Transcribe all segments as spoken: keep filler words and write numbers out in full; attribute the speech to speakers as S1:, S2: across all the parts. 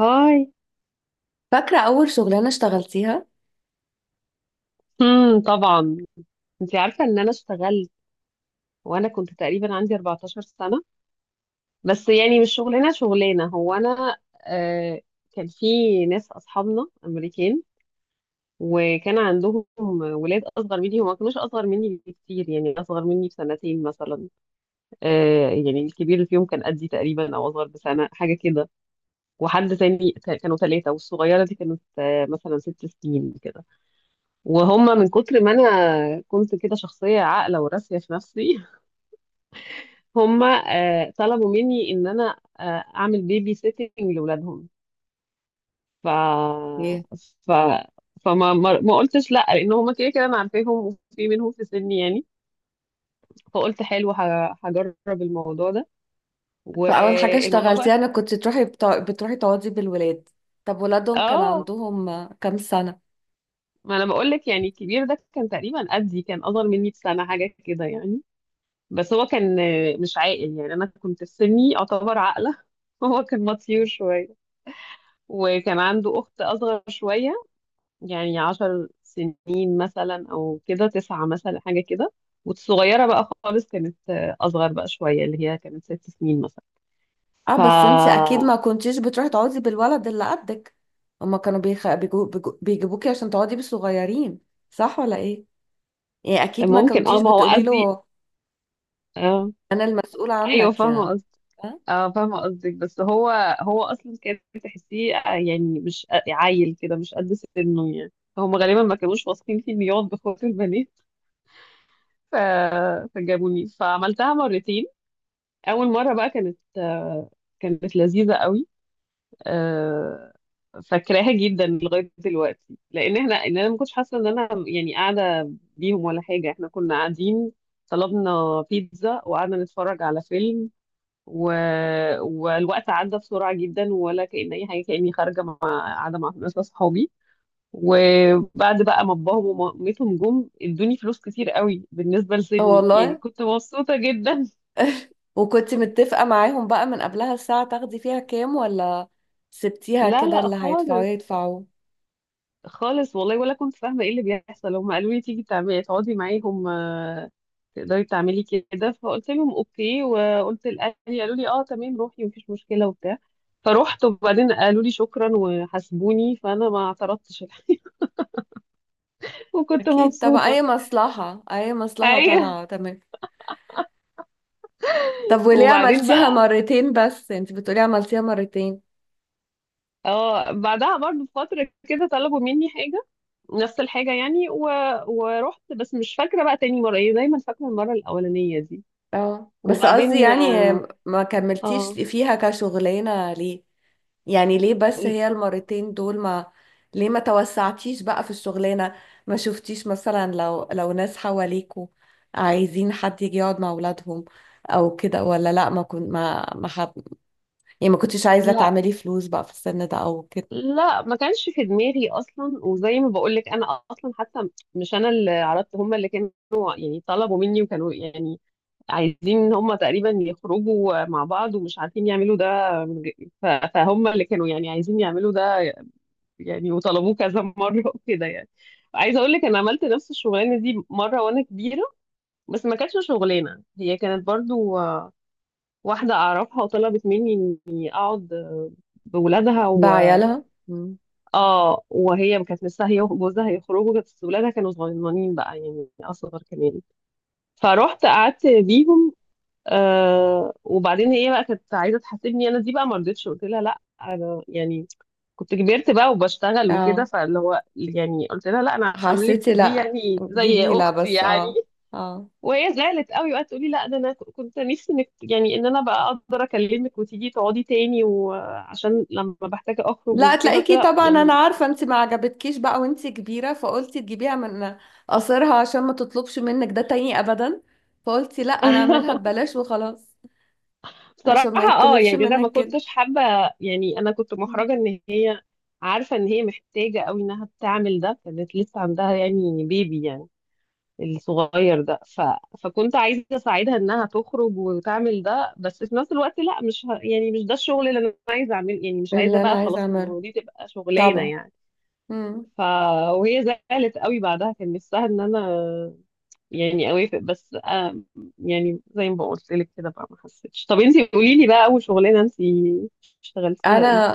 S1: هاي.
S2: فاكرة أول شغلانة اشتغلتيها؟
S1: امم طبعا. انت عارفه ان انا اشتغلت، وانا كنت تقريبا عندي اربعة عشر سنه. بس يعني مش شغلانه شغلانه هو انا، آه كان في ناس اصحابنا امريكان، وكان عندهم ولاد اصغر مني، وما كانوش اصغر مني بكتير، يعني اصغر مني بسنتين مثلا. آه يعني الكبير اللي فيهم كان قدي تقريبا او اصغر بسنه حاجه كده، وحد تاني كانوا ثلاثه، والصغيره دي كانت آه مثلا ست سنين كده. وهم من كتر ما انا كنت كده شخصيه عاقله وراسيه في نفسي هم آه، طلبوا مني ان انا آه، اعمل بيبي سيتنج لاولادهم. ف
S2: ايه،
S1: ف فما ما ما قلتش لا، لان هم كده كده انا عارفاهم، وفي منهم في سني يعني. فقلت حلو، ه- هجرب الموضوع ده.
S2: فأول حاجة
S1: والموضوع بقى،
S2: اشتغلتيها أنا كنت تروحي بتا... بتروحي تقعدي بالولاد. طب ولادهم كان
S1: اه
S2: عندهم آه، كام سنة؟
S1: ما انا بقول لك يعني الكبير ده كان تقريبا قدي، كان اصغر مني بسنه حاجه كده يعني. بس هو كان آه، مش عاقل، يعني انا كنت في سني اعتبر عاقله هو كان مطيور شويه. وكان عنده اخت اصغر شويه، يعني عشر سنين مثلا او كده تسعة مثلا حاجه كده. والصغيره بقى خالص كانت آه، اصغر بقى شويه، اللي هي كانت ست سنين مثلا.
S2: اه، بس انتي أكيد
S1: فممكن.
S2: ما كنتيش بتروحي تقعدي بالولد اللي قدك. هما كانوا بيخ... بيجو... بيجو... بيجيبوكي عشان تقعدي بالصغيرين، صح ولا ايه؟ يعني
S1: اه،
S2: أكيد ما كنتيش
S1: ما هو
S2: بتقولي
S1: قصدي.
S2: له
S1: آه.
S2: أنا المسؤولة
S1: ايوه،
S2: عنك يعني.
S1: فاهمه.
S2: ها؟
S1: اه فاهمة قصدك، بس هو، هو أصلا كان تحسيه آه، يعني مش عيل كده، مش قد سنه يعني. هم غالبا ما كانوش واثقين فيه إنه يقعد بخوت البنات. ف... فجابوني، فعملتها مرتين. أول مرة بقى كانت آه، كانت لذيذة قوي. آه، فاكراها جدا لغاية دلوقتي، لأن احنا إن أنا ما كنتش حاسة إن أنا يعني قاعدة بيهم ولا حاجة، احنا كنا قاعدين، طلبنا بيتزا وقعدنا نتفرج على فيلم. و... والوقت عدى بسرعة جدا، ولا كأن أي حاجة، كأني خارجة مع، قاعدة مع ناس أصحابي. وبعد بقى ما باباهم ومامتهم جم، ادوني فلوس كتير قوي بالنسبة
S2: آه
S1: لسني، يعني
S2: والله.
S1: كنت مبسوطة جدا
S2: وكنت متفقة معاهم بقى من قبلها الساعة تاخدي فيها كام، ولا سبتيها
S1: لا،
S2: كده
S1: لا،
S2: اللي هيدفعوه
S1: خالص.
S2: يدفعوا؟
S1: خالص والله، ولا كنت فاهمة ايه اللي بيحصل. هم قالوا لي تيجي تعملي تقعدي معاهم آه، تقدري تعملي كده، فقلت لهم اوكي، وقلت لأهلي، قالوا لي اه تمام روحي مفيش مشكلة وبتاع. فروحت، وبعدين قالوا لي شكرا وحاسبوني، فانا ما اعترضتش وكنت
S2: أكيد طبعا،
S1: مبسوطة.
S2: أي مصلحة أي مصلحة
S1: ايوه.
S2: طالعة تمام. طب وليه
S1: وبعدين
S2: عملتيها
S1: بقى،
S2: مرتين بس؟ أنت بتقولي عملتيها مرتين.
S1: اه بعدها برضه بفترة كده طلبوا مني حاجة، نفس الحاجة يعني. و... ورحت، بس مش فاكرة بقى تاني مرة ايه، دايما فاكرة المرة الأولانية دي.
S2: اه، بس قصدي
S1: وبعدين،
S2: يعني ما كملتيش
S1: اه
S2: فيها كشغلانة ليه؟ يعني ليه بس هي المرتين دول ما... ليه ما توسعتيش بقى في الشغلانة؟ ما شفتيش مثلا لو لو ناس حواليكوا عايزين حد يجي يقعد مع أولادهم أو كده، ولا لأ ما كنت ما ما حب... يعني ما كنتش عايزة
S1: لا،
S2: تعملي فلوس بقى في السن ده أو كده؟
S1: لا ما كانش في دماغي اصلا، وزي ما بقول لك انا اصلا حتى مش انا اللي عرضت، هم اللي كانوا يعني طلبوا مني، وكانوا يعني عايزين ان هم تقريبا يخرجوا مع بعض ومش عارفين يعملوا ده. ف- فهم اللي كانوا يعني عايزين يعملوا ده يعني، وطلبوه كذا مرة وكده. يعني عايزة اقول لك انا عملت نفس الشغلانة دي مرة وانا كبيرة، بس ما كانتش شغلانة، هي كانت برضو آه، واحدة اعرفها وطلبت مني اني اقعد آه، بولادها و...
S2: بعيالها.
S1: اه. وهي كانت لسه هي وجوزها هيخرجوا، بس ولادها كانوا صغننين بقى يعني اصغر كمان. فروحت قعدت بيهم. آه، وبعدين هي بقى كانت عايزه تحاسبني، انا دي بقى ما رضيتش، قلت لها لا انا يعني كنت كبرت بقى وبشتغل وكده،
S2: اه،
S1: فاللي هو يعني قلت لها لا انا هعمل لك
S2: حسيتي
S1: دي
S2: لا
S1: يعني زي
S2: جميلة
S1: اختي
S2: بس
S1: يعني.
S2: اه، اه.
S1: وهي زعلت قوي وقعدت تقولي لا ده انا ك- كنت نفسي انك، يعني ان انا بقى اقدر اكلمك وتيجي تقعدي تاني، وعشان لما بحتاج اخرج
S2: لا،
S1: وكده، قلت
S2: تلاقيكي
S1: لها
S2: طبعا انا
S1: يعني
S2: عارفة انت ما عجبتكيش بقى وانت كبيرة، فقلتي تجيبيها من قصرها عشان ما تطلبش منك ده تاني ابدا. فقلتي لا، انا اعملها ببلاش وخلاص، عشان
S1: بصراحة.
S2: ما
S1: اه
S2: يطلبش
S1: يعني انا ما
S2: منك كده.
S1: كنتش حابة، يعني انا كنت
S2: مم.
S1: محرجة ان هي عارفة ان هي محتاجة قوي انها تعمل ده، كانت لسه عندها يعني بيبي يعني الصغير ده. ف... فكنت عايزة أساعدها إنها تخرج وتعمل ده، بس في نفس الوقت لا، مش ه... يعني مش ده الشغل اللي أنا عايزة أعمله، يعني مش عايزة
S2: اللي انا
S1: بقى
S2: عايزة
S1: خلاص
S2: اعمله.
S1: إنه دي تبقى شغلانة
S2: طبعا.
S1: يعني.
S2: مم.
S1: ف... وهي زعلت قوي بعدها، كان نفسها إن أنا يعني أوافق، بس آه يعني زي ما قلت لك كده بقى ما حسيتش. طب أنتي قولي لي بقى، أول شغلانة أنتي اشتغلتيها
S2: انا،
S1: إيه؟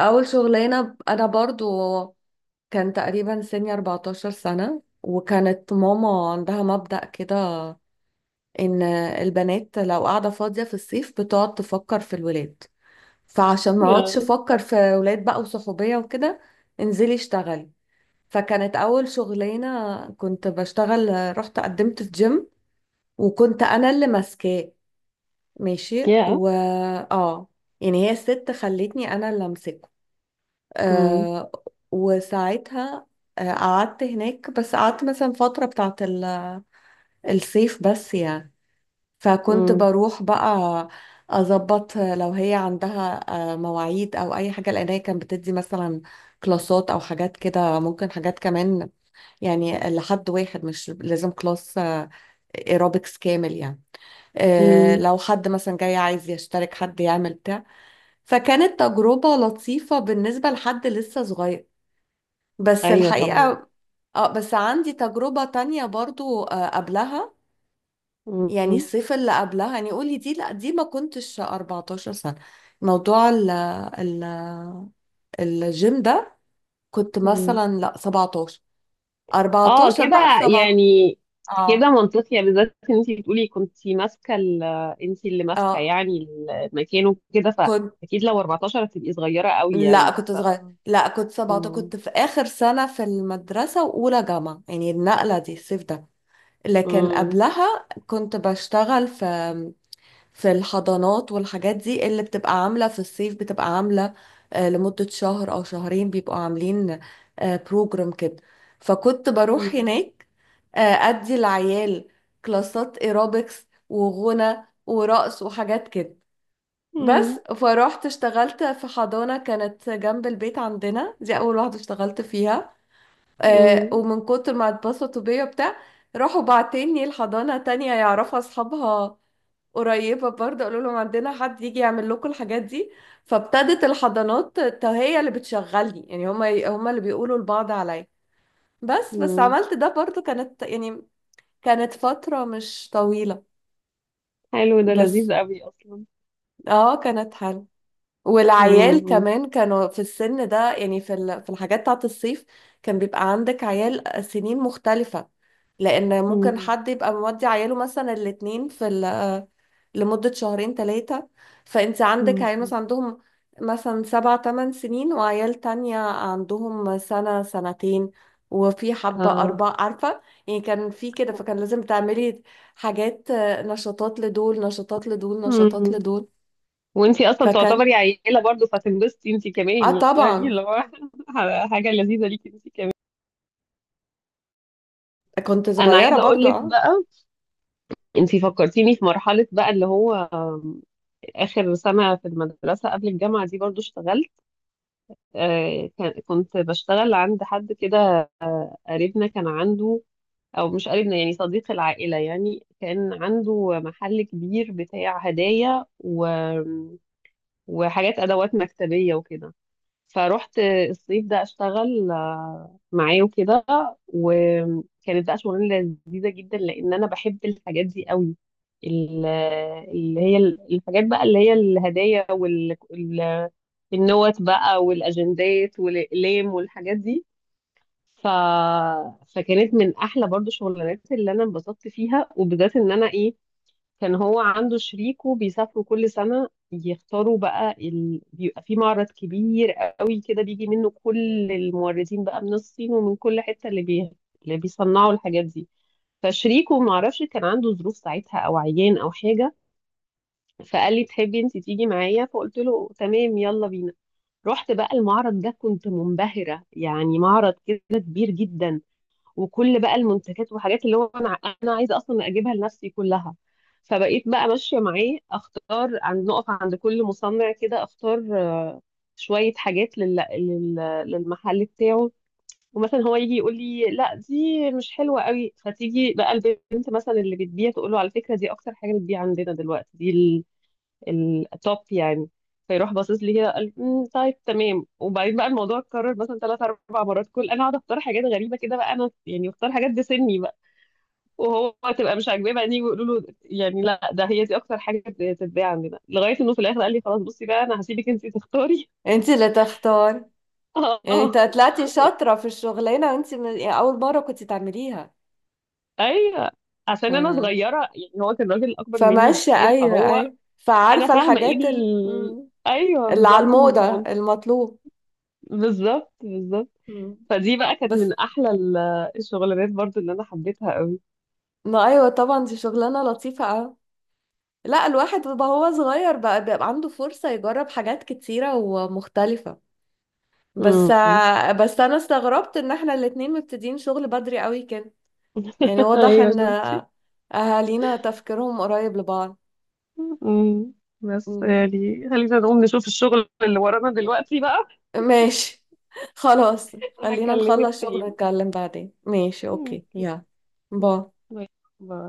S2: اول شغلانة انا برضو كان تقريبا سني أربعة عشر سنة، وكانت ماما عندها مبدأ كده ان البنات لو قاعده فاضيه في الصيف بتقعد تفكر في الولاد. فعشان ما اقعدش
S1: يا،
S2: افكر في ولاد بقى وصحوبيه وكده، انزلي اشتغلي. فكانت اول شغلانه كنت بشتغل، رحت قدمت في جيم وكنت انا اللي ماسكاه ماشي.
S1: يا،
S2: و اه، يعني هي الست خلتني انا اللي امسكه.
S1: امم
S2: آه، وساعتها آه، قعدت هناك. بس قعدت مثلا فترة بتاعت ال- الصيف بس يعني. فكنت
S1: امم
S2: بروح بقى اظبط لو هي عندها آه، مواعيد او اي حاجه، لان هي كانت بتدي مثلا كلاسات او حاجات كده، ممكن حاجات كمان يعني لحد واحد، مش لازم كلاس ايروبكس كامل يعني. آه،
S1: أمم.
S2: لو حد مثلا جاي عايز يشترك، حد يعمل بتاع. فكانت تجربه لطيفه بالنسبه لحد لسه صغير، بس
S1: أيوه طبعا.
S2: الحقيقه اه، بس عندي تجربه تانية برضو آه، قبلها. يعني الصيف اللي قبلها يعني، قولي دي، لا دي ما كنتش أربعة عشر سنة. موضوع ال ال الجيم ده كنت
S1: امم،
S2: مثلا لا سبعة عشر.
S1: اه
S2: أربعتاشر بقى ل
S1: كده،
S2: سبعة عشر.
S1: يعني كده
S2: اه،
S1: منطقي، بالذات ان انت بتقولي كنت ماسكه ال- انت اللي ماسكه
S2: اه
S1: يعني المكان وكده،
S2: كنت،
S1: فاكيد لو اربعة عشر هتبقي صغيره قوي
S2: لا
S1: يعني
S2: كنت
S1: ف،
S2: صغير، لا كنت سبعتاشر،
S1: مم.
S2: كنت في آخر سنة في المدرسة وأولى جامعة يعني النقلة دي الصيف ده. لكن
S1: مم.
S2: قبلها كنت بشتغل في في الحضانات والحاجات دي اللي بتبقى عاملة في الصيف. بتبقى عاملة آه، لمدة شهر أو شهرين، بيبقوا عاملين بروجرام كده. فكنت بروح
S1: مم.
S2: هناك، آه، أدي العيال كلاسات ايروبكس وغنى ورقص وحاجات كده. بس
S1: مم.
S2: فروحت اشتغلت في حضانة كانت جنب البيت عندنا، دي أول واحدة اشتغلت فيها. آه،
S1: مم.
S2: ومن كتر ما اتبسطوا بيا بتاع، راحوا بعتني الحضانة تانية يعرفها أصحابها، قريبة برضه، قالوا لهم عندنا حد يجي يعمل لكم الحاجات دي. فابتدت الحضانات ت- هي اللي بتشغلني يعني، هما هما اللي بيقولوا لبعض عليا. بس بس
S1: مم.
S2: عملت ده برضه. كانت يعني كانت فترة مش طويلة،
S1: حلو ده
S2: بس
S1: لذيذ قوي اصلا.
S2: اه كانت حلوة. والعيال
S1: مم.
S2: كمان كانوا في السن ده، يعني في ال- في الحاجات بتاعت الصيف كان بيبقى عندك عيال سنين مختلفة، لأن ممكن
S1: مم.
S2: حد يبقى مودي عياله مثلا الاتنين في ال... لمدة شهرين ثلاثة. فانت عندك
S1: مم.
S2: عيال مثلا عندهم مثلا سبع تمن سنين، وعيال تانية عندهم سنة سنتين، وفي حبة
S1: اه.
S2: أربعة، عارفة. يعني كان في كده، فكان لازم تعملي حاجات آه، نشاطات لدول، نشاطات لدول، نشاطات
S1: مم.
S2: لدول.
S1: وانتي اصلا
S2: فكان
S1: تعتبري عيله برضو، فتنبسطي انتي
S2: اه
S1: كمان، يعني
S2: طبعا
S1: اللي هو حاجه لذيذه ليكي انتي كمان.
S2: كنت
S1: انا
S2: صغيرة
S1: عايزه اقول
S2: برضو
S1: لك
S2: اه.
S1: بقى، انتي فكرتيني في مرحلة بقى اللي هو آم، آخر سنة في المدرسة قبل الجامعة، دي برضو اشتغلت آه، كان- كنت بشتغل عند حد كده قريبنا، كان عنده، أو مش قريبنا يعني صديق العائلة يعني، كان عنده محل كبير بتاع هدايا و... وحاجات أدوات مكتبية وكده. فروحت الصيف ده اشتغل آه، معاه وكده. وكانت بقى شغلانه لذيذه جدا لان انا بحب الحاجات دي قوي. ال- اللي هي ال- الحاجات بقى اللي هي الهدايا، والنوت بقى، والاجندات، والاقلام، والحاجات دي. ف... فكانت من احلى برضو الشغلانات اللي انا انبسطت فيها، وبالذات ان انا ايه، كان هو عنده شريكه بيسافروا كل سنة يختاروا بقى ال... بيبقى في معرض كبير قوي كده، بيجي منه كل الموردين بقى من الصين ومن كل حتة اللي بي... اللي بيصنعوا الحاجات دي. فشريكه معرفش كان عنده ظروف ساعتها، او عيان او حاجة، فقال لي تحبي انت تيجي معايا، فقلت له تمام يلا بينا. رحت بقى المعرض ده، كنت منبهرة، يعني معرض كده كبير جدا، وكل بقى المنتجات وحاجات اللي هو انا انا عايزه اصلا اجيبها لنفسي كلها. فبقيت بقى ماشيه معاه اختار، عند، نقف عند كل مصنع كده اختار آه، شويه حاجات لل... لل... للمحل بتاعه. ومثلا هو يجي يقول لي لا دي مش حلوه قوي، فتيجي بقى البنت مثلا اللي بتبيع تقول له على فكره دي اكتر حاجه بتبيع عندنا دلوقتي، دي التوب يعني. فيروح باصص لي كده قال "أمم، طيب تمام". وبعدين بقى الموضوع اتكرر مثلا ثلاث اربع مرات، كل انا اقعد اختار حاجات غريبه كده بقى، انا يعني اختار حاجات بسني بقى، وهو تبقى مش عاجباه، بعدين يقولوا له يعني لا ده هي دي اكتر حاجه بتتباع عندنا، لغايه انه في الاخر قال لي خلاص بصي بقى انا هسيبك انت تختاري
S2: انت اللي تختار،
S1: اه،
S2: يعني انت
S1: اه،
S2: طلعتي شاطرة في الشغلانة وانت من... يعني أول مرة كنت تعمليها
S1: ايوه، عشان انا صغيره يعني، هو كان راجل اكبر مني
S2: فماشية.
S1: بكتير
S2: أيوة
S1: فهو،
S2: أيوة،
S1: انا
S2: فعارفة
S1: فاهمه ايه
S2: الحاجات ال...
S1: ال...
S2: مم.
S1: ايوه
S2: اللي على
S1: بالظبط من
S2: الموضة
S1: تمنتاشر،
S2: المطلوب.
S1: بالظبط بالظبط.
S2: مم.
S1: فدي بقى كانت
S2: بس،
S1: من احلى ال- الشغلانات برضو اللي انا حبيتها قوي.
S2: ما أيوة طبعا دي شغلانة لطيفة أوي. لا، الواحد بقى هو صغير بقى بيبقى عنده فرصة يجرب حاجات كتيرة ومختلفة. بس
S1: مم.
S2: بس أنا استغربت إن احنا الاتنين مبتدئين شغل بدري قوي كده. يعني واضح
S1: ايوه
S2: إن
S1: شفتي.
S2: أهالينا تفكيرهم قريب لبعض.
S1: مم. بس
S2: مم.
S1: يعني خلينا نقوم نشوف الشغل اللي ورانا دلوقتي بقى.
S2: ماشي، خلاص. خلينا
S1: هكلمك
S2: نخلص
S1: تاني.
S2: شغل نتكلم بعدين، ماشي،
S1: مم.
S2: أوكي يلا. باي.
S1: باي. باي.